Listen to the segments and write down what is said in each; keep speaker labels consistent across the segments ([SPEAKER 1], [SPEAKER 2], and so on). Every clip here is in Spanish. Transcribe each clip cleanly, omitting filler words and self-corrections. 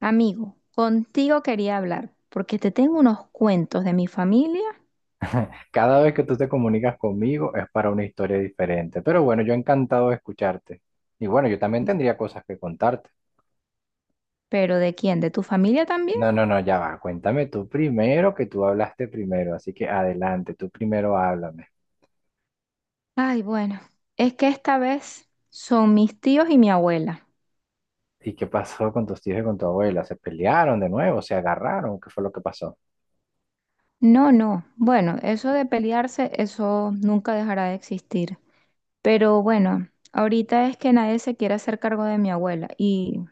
[SPEAKER 1] Amigo, contigo quería hablar porque te tengo unos cuentos de mi familia,
[SPEAKER 2] Cada vez que tú te comunicas conmigo es para una historia diferente. Pero bueno, yo encantado de escucharte. Y bueno, yo también tendría cosas que contarte.
[SPEAKER 1] pero ¿de quién? ¿De tu familia también?
[SPEAKER 2] No, no, no, ya va. Cuéntame tú primero, que tú hablaste primero. Así que adelante, tú primero háblame.
[SPEAKER 1] Ay, bueno, es que esta vez son mis tíos y mi abuela.
[SPEAKER 2] ¿Y qué pasó con tus tíos y con tu abuela? ¿Se pelearon de nuevo? ¿Se agarraron? ¿Qué fue lo que pasó?
[SPEAKER 1] No, no, bueno, eso de pelearse, eso nunca dejará de existir. Pero bueno, ahorita es que nadie se quiere hacer cargo de mi abuela y,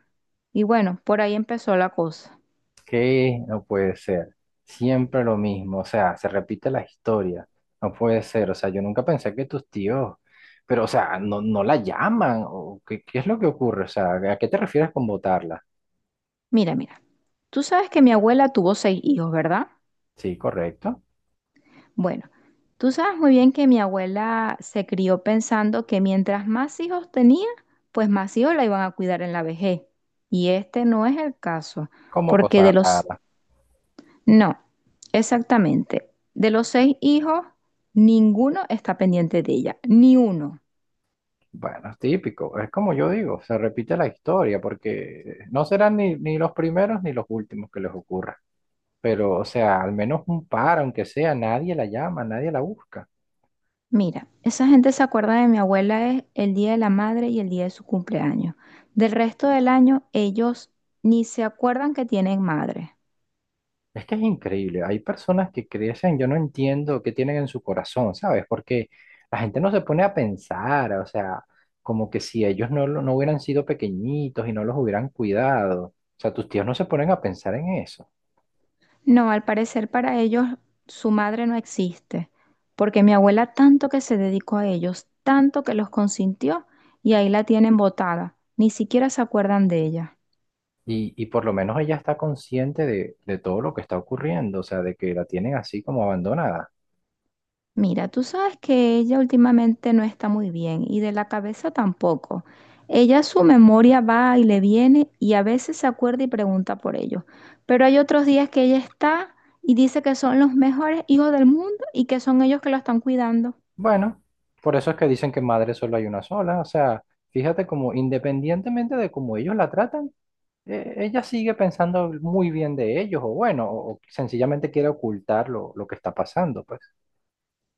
[SPEAKER 1] y bueno, por ahí empezó la cosa.
[SPEAKER 2] ¿Qué? No puede ser. Siempre lo mismo, o sea, se repite la historia. No puede ser, o sea, yo nunca pensé que tus tíos, pero o sea, no la llaman, o ¿qué, qué es lo que ocurre? O sea, ¿a qué te refieres con votarla?
[SPEAKER 1] Mira, mira, tú sabes que mi abuela tuvo seis hijos, ¿verdad?
[SPEAKER 2] Sí, correcto.
[SPEAKER 1] Bueno, tú sabes muy bien que mi abuela se crió pensando que mientras más hijos tenía, pues más hijos la iban a cuidar en la vejez. Y este no es el caso,
[SPEAKER 2] Como
[SPEAKER 1] porque de
[SPEAKER 2] cosa
[SPEAKER 1] los...
[SPEAKER 2] rara.
[SPEAKER 1] No, exactamente. De los seis hijos, ninguno está pendiente de ella, ni uno.
[SPEAKER 2] Bueno, es típico, es como yo digo, se repite la historia, porque no serán ni los primeros ni los últimos que les ocurra. Pero, o sea, al menos un par, aunque sea, nadie la llama, nadie la busca.
[SPEAKER 1] Mira, esa gente se acuerda de mi abuela es el día de la madre y el día de su cumpleaños. Del resto del año, ellos ni se acuerdan que tienen madre.
[SPEAKER 2] Es que es increíble. Hay personas que crecen, yo no entiendo qué tienen en su corazón, ¿sabes? Porque la gente no se pone a pensar, o sea, como que si ellos no, no hubieran sido pequeñitos y no los hubieran cuidado. O sea, tus tíos no se ponen a pensar en eso.
[SPEAKER 1] No, al parecer para ellos su madre no existe, porque mi abuela tanto que se dedicó a ellos, tanto que los consintió y ahí la tienen botada, ni siquiera se acuerdan de ella.
[SPEAKER 2] Y por lo menos ella está consciente de todo lo que está ocurriendo, o sea, de que la tienen así como abandonada.
[SPEAKER 1] Mira, tú sabes que ella últimamente no está muy bien y de la cabeza tampoco. Ella su memoria va y le viene y a veces se acuerda y pregunta por ellos, pero hay otros días que ella está y dice que son los mejores hijos del mundo y que son ellos que la están cuidando.
[SPEAKER 2] Bueno, por eso es que dicen que madre solo hay una sola, o sea, fíjate como independientemente de cómo ellos la tratan. Ella sigue pensando muy bien de ellos, o bueno, o sencillamente quiere ocultar lo que está pasando, pues.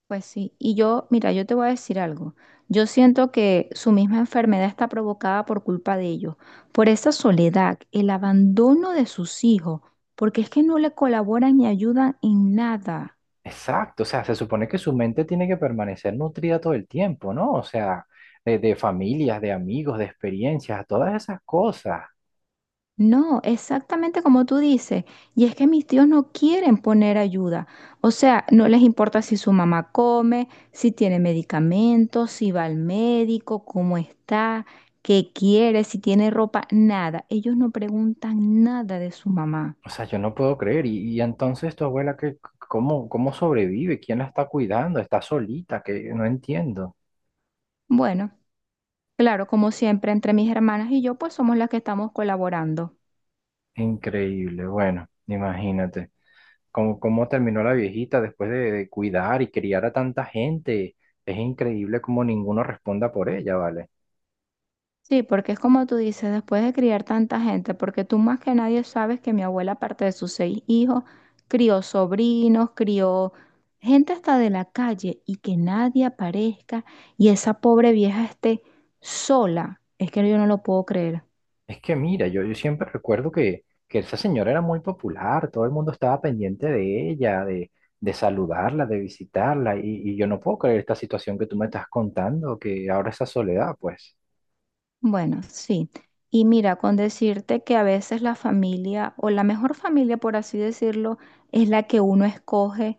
[SPEAKER 1] Pues sí, y yo, mira, yo te voy a decir algo. Yo siento que su misma enfermedad está provocada por culpa de ellos, por esa soledad, el abandono de sus hijos, porque es que no le colaboran ni ayudan en nada.
[SPEAKER 2] Exacto, o sea, se supone que su mente tiene que permanecer nutrida todo el tiempo, ¿no? O sea, de familias, de amigos, de experiencias, todas esas cosas.
[SPEAKER 1] No, exactamente como tú dices. Y es que mis tíos no quieren poner ayuda. O sea, no les importa si su mamá come, si tiene medicamentos, si va al médico, cómo está, qué quiere, si tiene ropa, nada. Ellos no preguntan nada de su mamá.
[SPEAKER 2] O sea, yo no puedo creer. Y entonces tu abuela, ¿qué, cómo, cómo sobrevive? ¿Quién la está cuidando? ¿Está solita? Que no entiendo.
[SPEAKER 1] Bueno, claro, como siempre, entre mis hermanas y yo, pues somos las que estamos colaborando.
[SPEAKER 2] Increíble, bueno, imagínate. Cómo, cómo terminó la viejita después de cuidar y criar a tanta gente. Es increíble cómo ninguno responda por ella, ¿vale?
[SPEAKER 1] Sí, porque es como tú dices, después de criar tanta gente, porque tú más que nadie sabes que mi abuela, aparte de sus seis hijos, crió sobrinos, crió gente hasta de la calle y que nadie aparezca y esa pobre vieja esté sola. Es que yo no lo puedo creer.
[SPEAKER 2] Es que mira, yo siempre recuerdo que esa señora era muy popular, todo el mundo estaba pendiente de ella, de saludarla, de visitarla, y yo no puedo creer esta situación que tú me estás contando, que ahora esa soledad, pues.
[SPEAKER 1] Bueno, sí. Y mira, con decirte que a veces la familia, o la mejor familia, por así decirlo, es la que uno escoge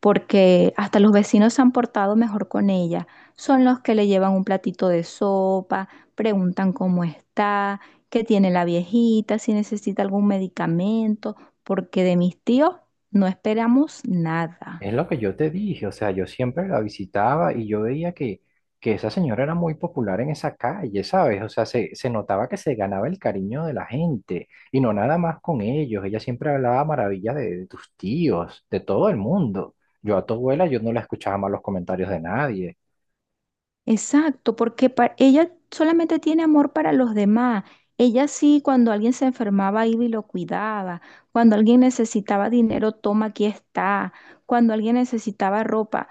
[SPEAKER 1] porque hasta los vecinos se han portado mejor con ella. Son los que le llevan un platito de sopa, preguntan cómo está, qué tiene la viejita, si necesita algún medicamento, porque de mis tíos no esperamos nada.
[SPEAKER 2] Es lo que yo te dije, o sea, yo siempre la visitaba y yo veía que esa señora era muy popular en esa calle, ¿sabes? O sea, se notaba que se ganaba el cariño de la gente y no nada más con ellos. Ella siempre hablaba maravillas de tus tíos, de todo el mundo. Yo a tu abuela, yo no la escuchaba más los comentarios de nadie.
[SPEAKER 1] Exacto, porque ella solamente tiene amor para los demás. Ella sí, cuando alguien se enfermaba, iba y lo cuidaba. Cuando alguien necesitaba dinero, toma, aquí está. Cuando alguien necesitaba ropa,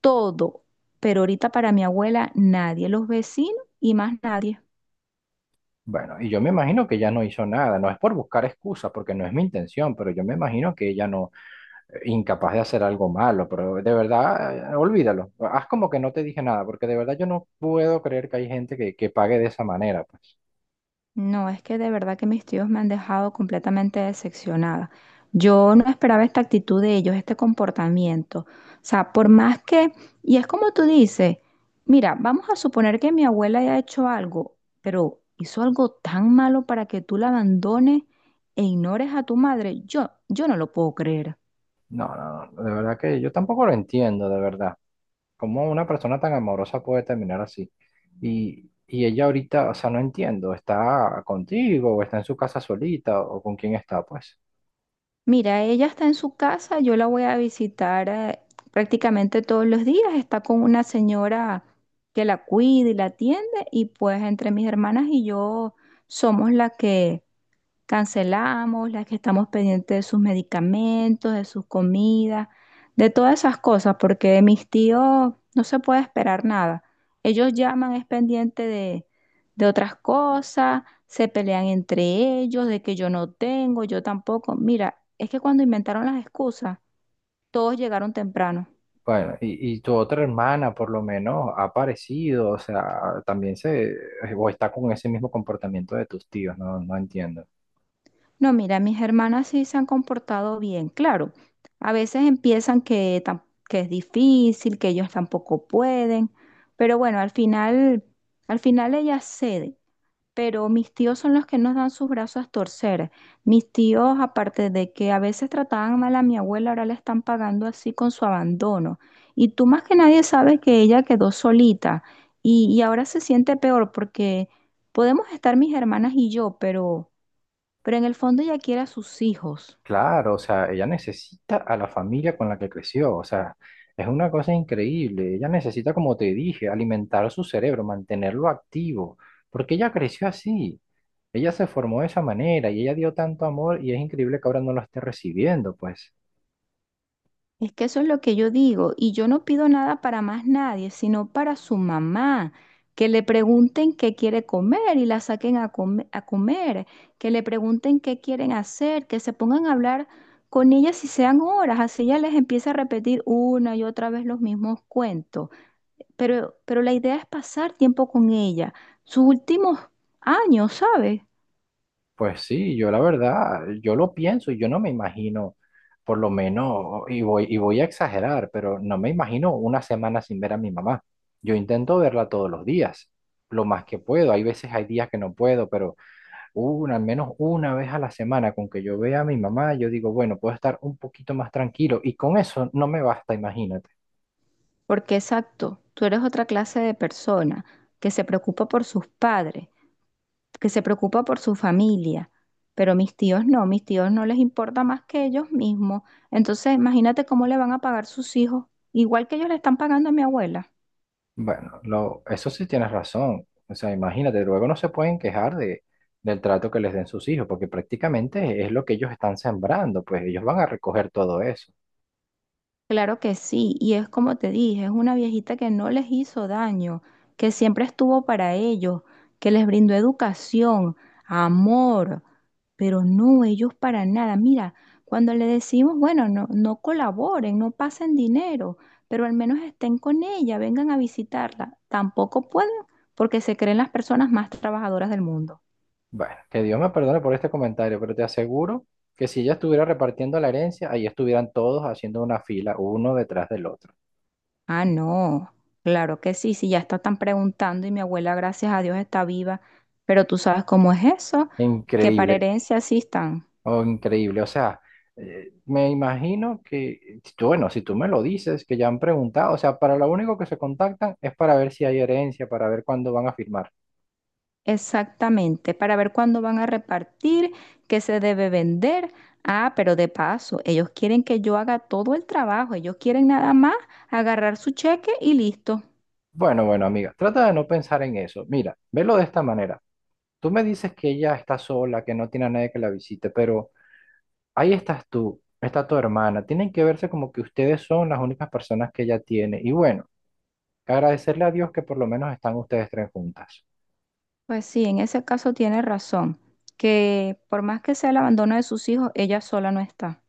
[SPEAKER 1] todo. Pero ahorita para mi abuela, nadie, los vecinos y más nadie.
[SPEAKER 2] Bueno, y yo me imagino que ella no hizo nada, no es por buscar excusas, porque no es mi intención, pero yo me imagino que ella no, incapaz de hacer algo malo, pero de verdad, olvídalo. Haz como que no te dije nada, porque de verdad yo no puedo creer que hay gente que pague de esa manera. Pues.
[SPEAKER 1] No, es que de verdad que mis tíos me han dejado completamente decepcionada. Yo no esperaba esta actitud de ellos, este comportamiento. O sea, por más que, y es como tú dices, mira, vamos a suponer que mi abuela haya hecho algo, pero hizo algo tan malo para que tú la abandones e ignores a tu madre. Yo no lo puedo creer.
[SPEAKER 2] No, no, no, de verdad que yo tampoco lo entiendo, de verdad. ¿Cómo una persona tan amorosa puede terminar así? Y ella ahorita, o sea, no entiendo, ¿está contigo o está en su casa solita o con quién está, pues?
[SPEAKER 1] Mira, ella está en su casa, yo la voy a visitar prácticamente todos los días, está con una señora que la cuida y la atiende y pues entre mis hermanas y yo somos la que cancelamos, las que estamos pendientes de sus medicamentos, de sus comidas, de todas esas cosas, porque de mis tíos no se puede esperar nada. Ellos llaman, es pendiente de otras cosas, se pelean entre ellos, de que yo no tengo, yo tampoco. Mira, es que cuando inventaron las excusas, todos llegaron temprano.
[SPEAKER 2] Bueno, y tu otra hermana por lo menos ha aparecido, o sea, también se, o está con ese mismo comportamiento de tus tíos, no, no entiendo.
[SPEAKER 1] No, mira, mis hermanas sí se han comportado bien, claro. A veces empiezan que, que es difícil, que ellos tampoco pueden, pero bueno, al final ellas ceden. Pero mis tíos son los que nos dan sus brazos a torcer. Mis tíos, aparte de que a veces trataban mal a mi abuela, ahora la están pagando así con su abandono. Y tú más que nadie sabes que ella quedó solita y ahora se siente peor porque podemos estar mis hermanas y yo, pero en el fondo ella quiere a sus hijos.
[SPEAKER 2] Claro, o sea, ella necesita a la familia con la que creció, o sea, es una cosa increíble. Ella necesita, como te dije, alimentar su cerebro, mantenerlo activo, porque ella creció así, ella se formó de esa manera y ella dio tanto amor y es increíble que ahora no lo esté recibiendo, pues.
[SPEAKER 1] Es que eso es lo que yo digo, y yo no pido nada para más nadie, sino para su mamá, que le pregunten qué quiere comer y la saquen a, a comer, que le pregunten qué quieren hacer, que se pongan a hablar con ella si sean horas, así ella les empieza a repetir una y otra vez los mismos cuentos. Pero la idea es pasar tiempo con ella, sus últimos años, ¿sabes?
[SPEAKER 2] Pues sí, yo la verdad, yo lo pienso y yo no me imagino, por lo menos, y voy a exagerar, pero no me imagino una semana sin ver a mi mamá. Yo intento verla todos los días, lo más que puedo. Hay días que no puedo, pero al menos una vez a la semana con que yo vea a mi mamá, yo digo, bueno, puedo estar un poquito más tranquilo y con eso no me basta, imagínate.
[SPEAKER 1] Porque exacto, tú eres otra clase de persona que se preocupa por sus padres, que se preocupa por su familia, pero mis tíos no les importa más que ellos mismos. Entonces, imagínate cómo le van a pagar sus hijos, igual que ellos le están pagando a mi abuela.
[SPEAKER 2] Bueno, eso sí tienes razón. O sea, imagínate, luego no se pueden quejar del trato que les den sus hijos, porque prácticamente es lo que ellos están sembrando, pues ellos van a recoger todo eso.
[SPEAKER 1] Claro que sí, y es como te dije, es una viejita que no les hizo daño, que siempre estuvo para ellos, que les brindó educación, amor. Pero no, ellos para nada. Mira, cuando le decimos, bueno, no, no colaboren, no pasen dinero, pero al menos estén con ella, vengan a visitarla. Tampoco pueden porque se creen las personas más trabajadoras del mundo.
[SPEAKER 2] Bueno, que Dios me perdone por este comentario, pero te aseguro que si ella estuviera repartiendo la herencia, ahí estuvieran todos haciendo una fila, uno detrás del otro.
[SPEAKER 1] Ah, no, claro que sí, si ya está tan preguntando y mi abuela, gracias a Dios, está viva, pero tú sabes cómo es eso, que para
[SPEAKER 2] Increíble,
[SPEAKER 1] herencia sí están.
[SPEAKER 2] oh, increíble. O sea, me imagino que, bueno, si tú me lo dices, que ya han preguntado, o sea, para lo único que se contactan es para ver si hay herencia, para ver cuándo van a firmar.
[SPEAKER 1] Exactamente, para ver cuándo van a repartir, qué se debe vender. Ah, pero de paso, ellos quieren que yo haga todo el trabajo, ellos quieren nada más agarrar su cheque y listo.
[SPEAKER 2] Bueno, bueno, amiga, trata de no pensar en eso. Mira, velo de esta manera. Tú me dices que ella está sola, que no tiene a nadie que la visite, pero ahí estás tú, está tu hermana. Tienen que verse como que ustedes son las únicas personas que ella tiene. Y bueno, agradecerle a Dios que por lo menos están ustedes tres juntas.
[SPEAKER 1] Pues sí, en ese caso tiene razón, que por más que sea el abandono de sus hijos, ella sola no está.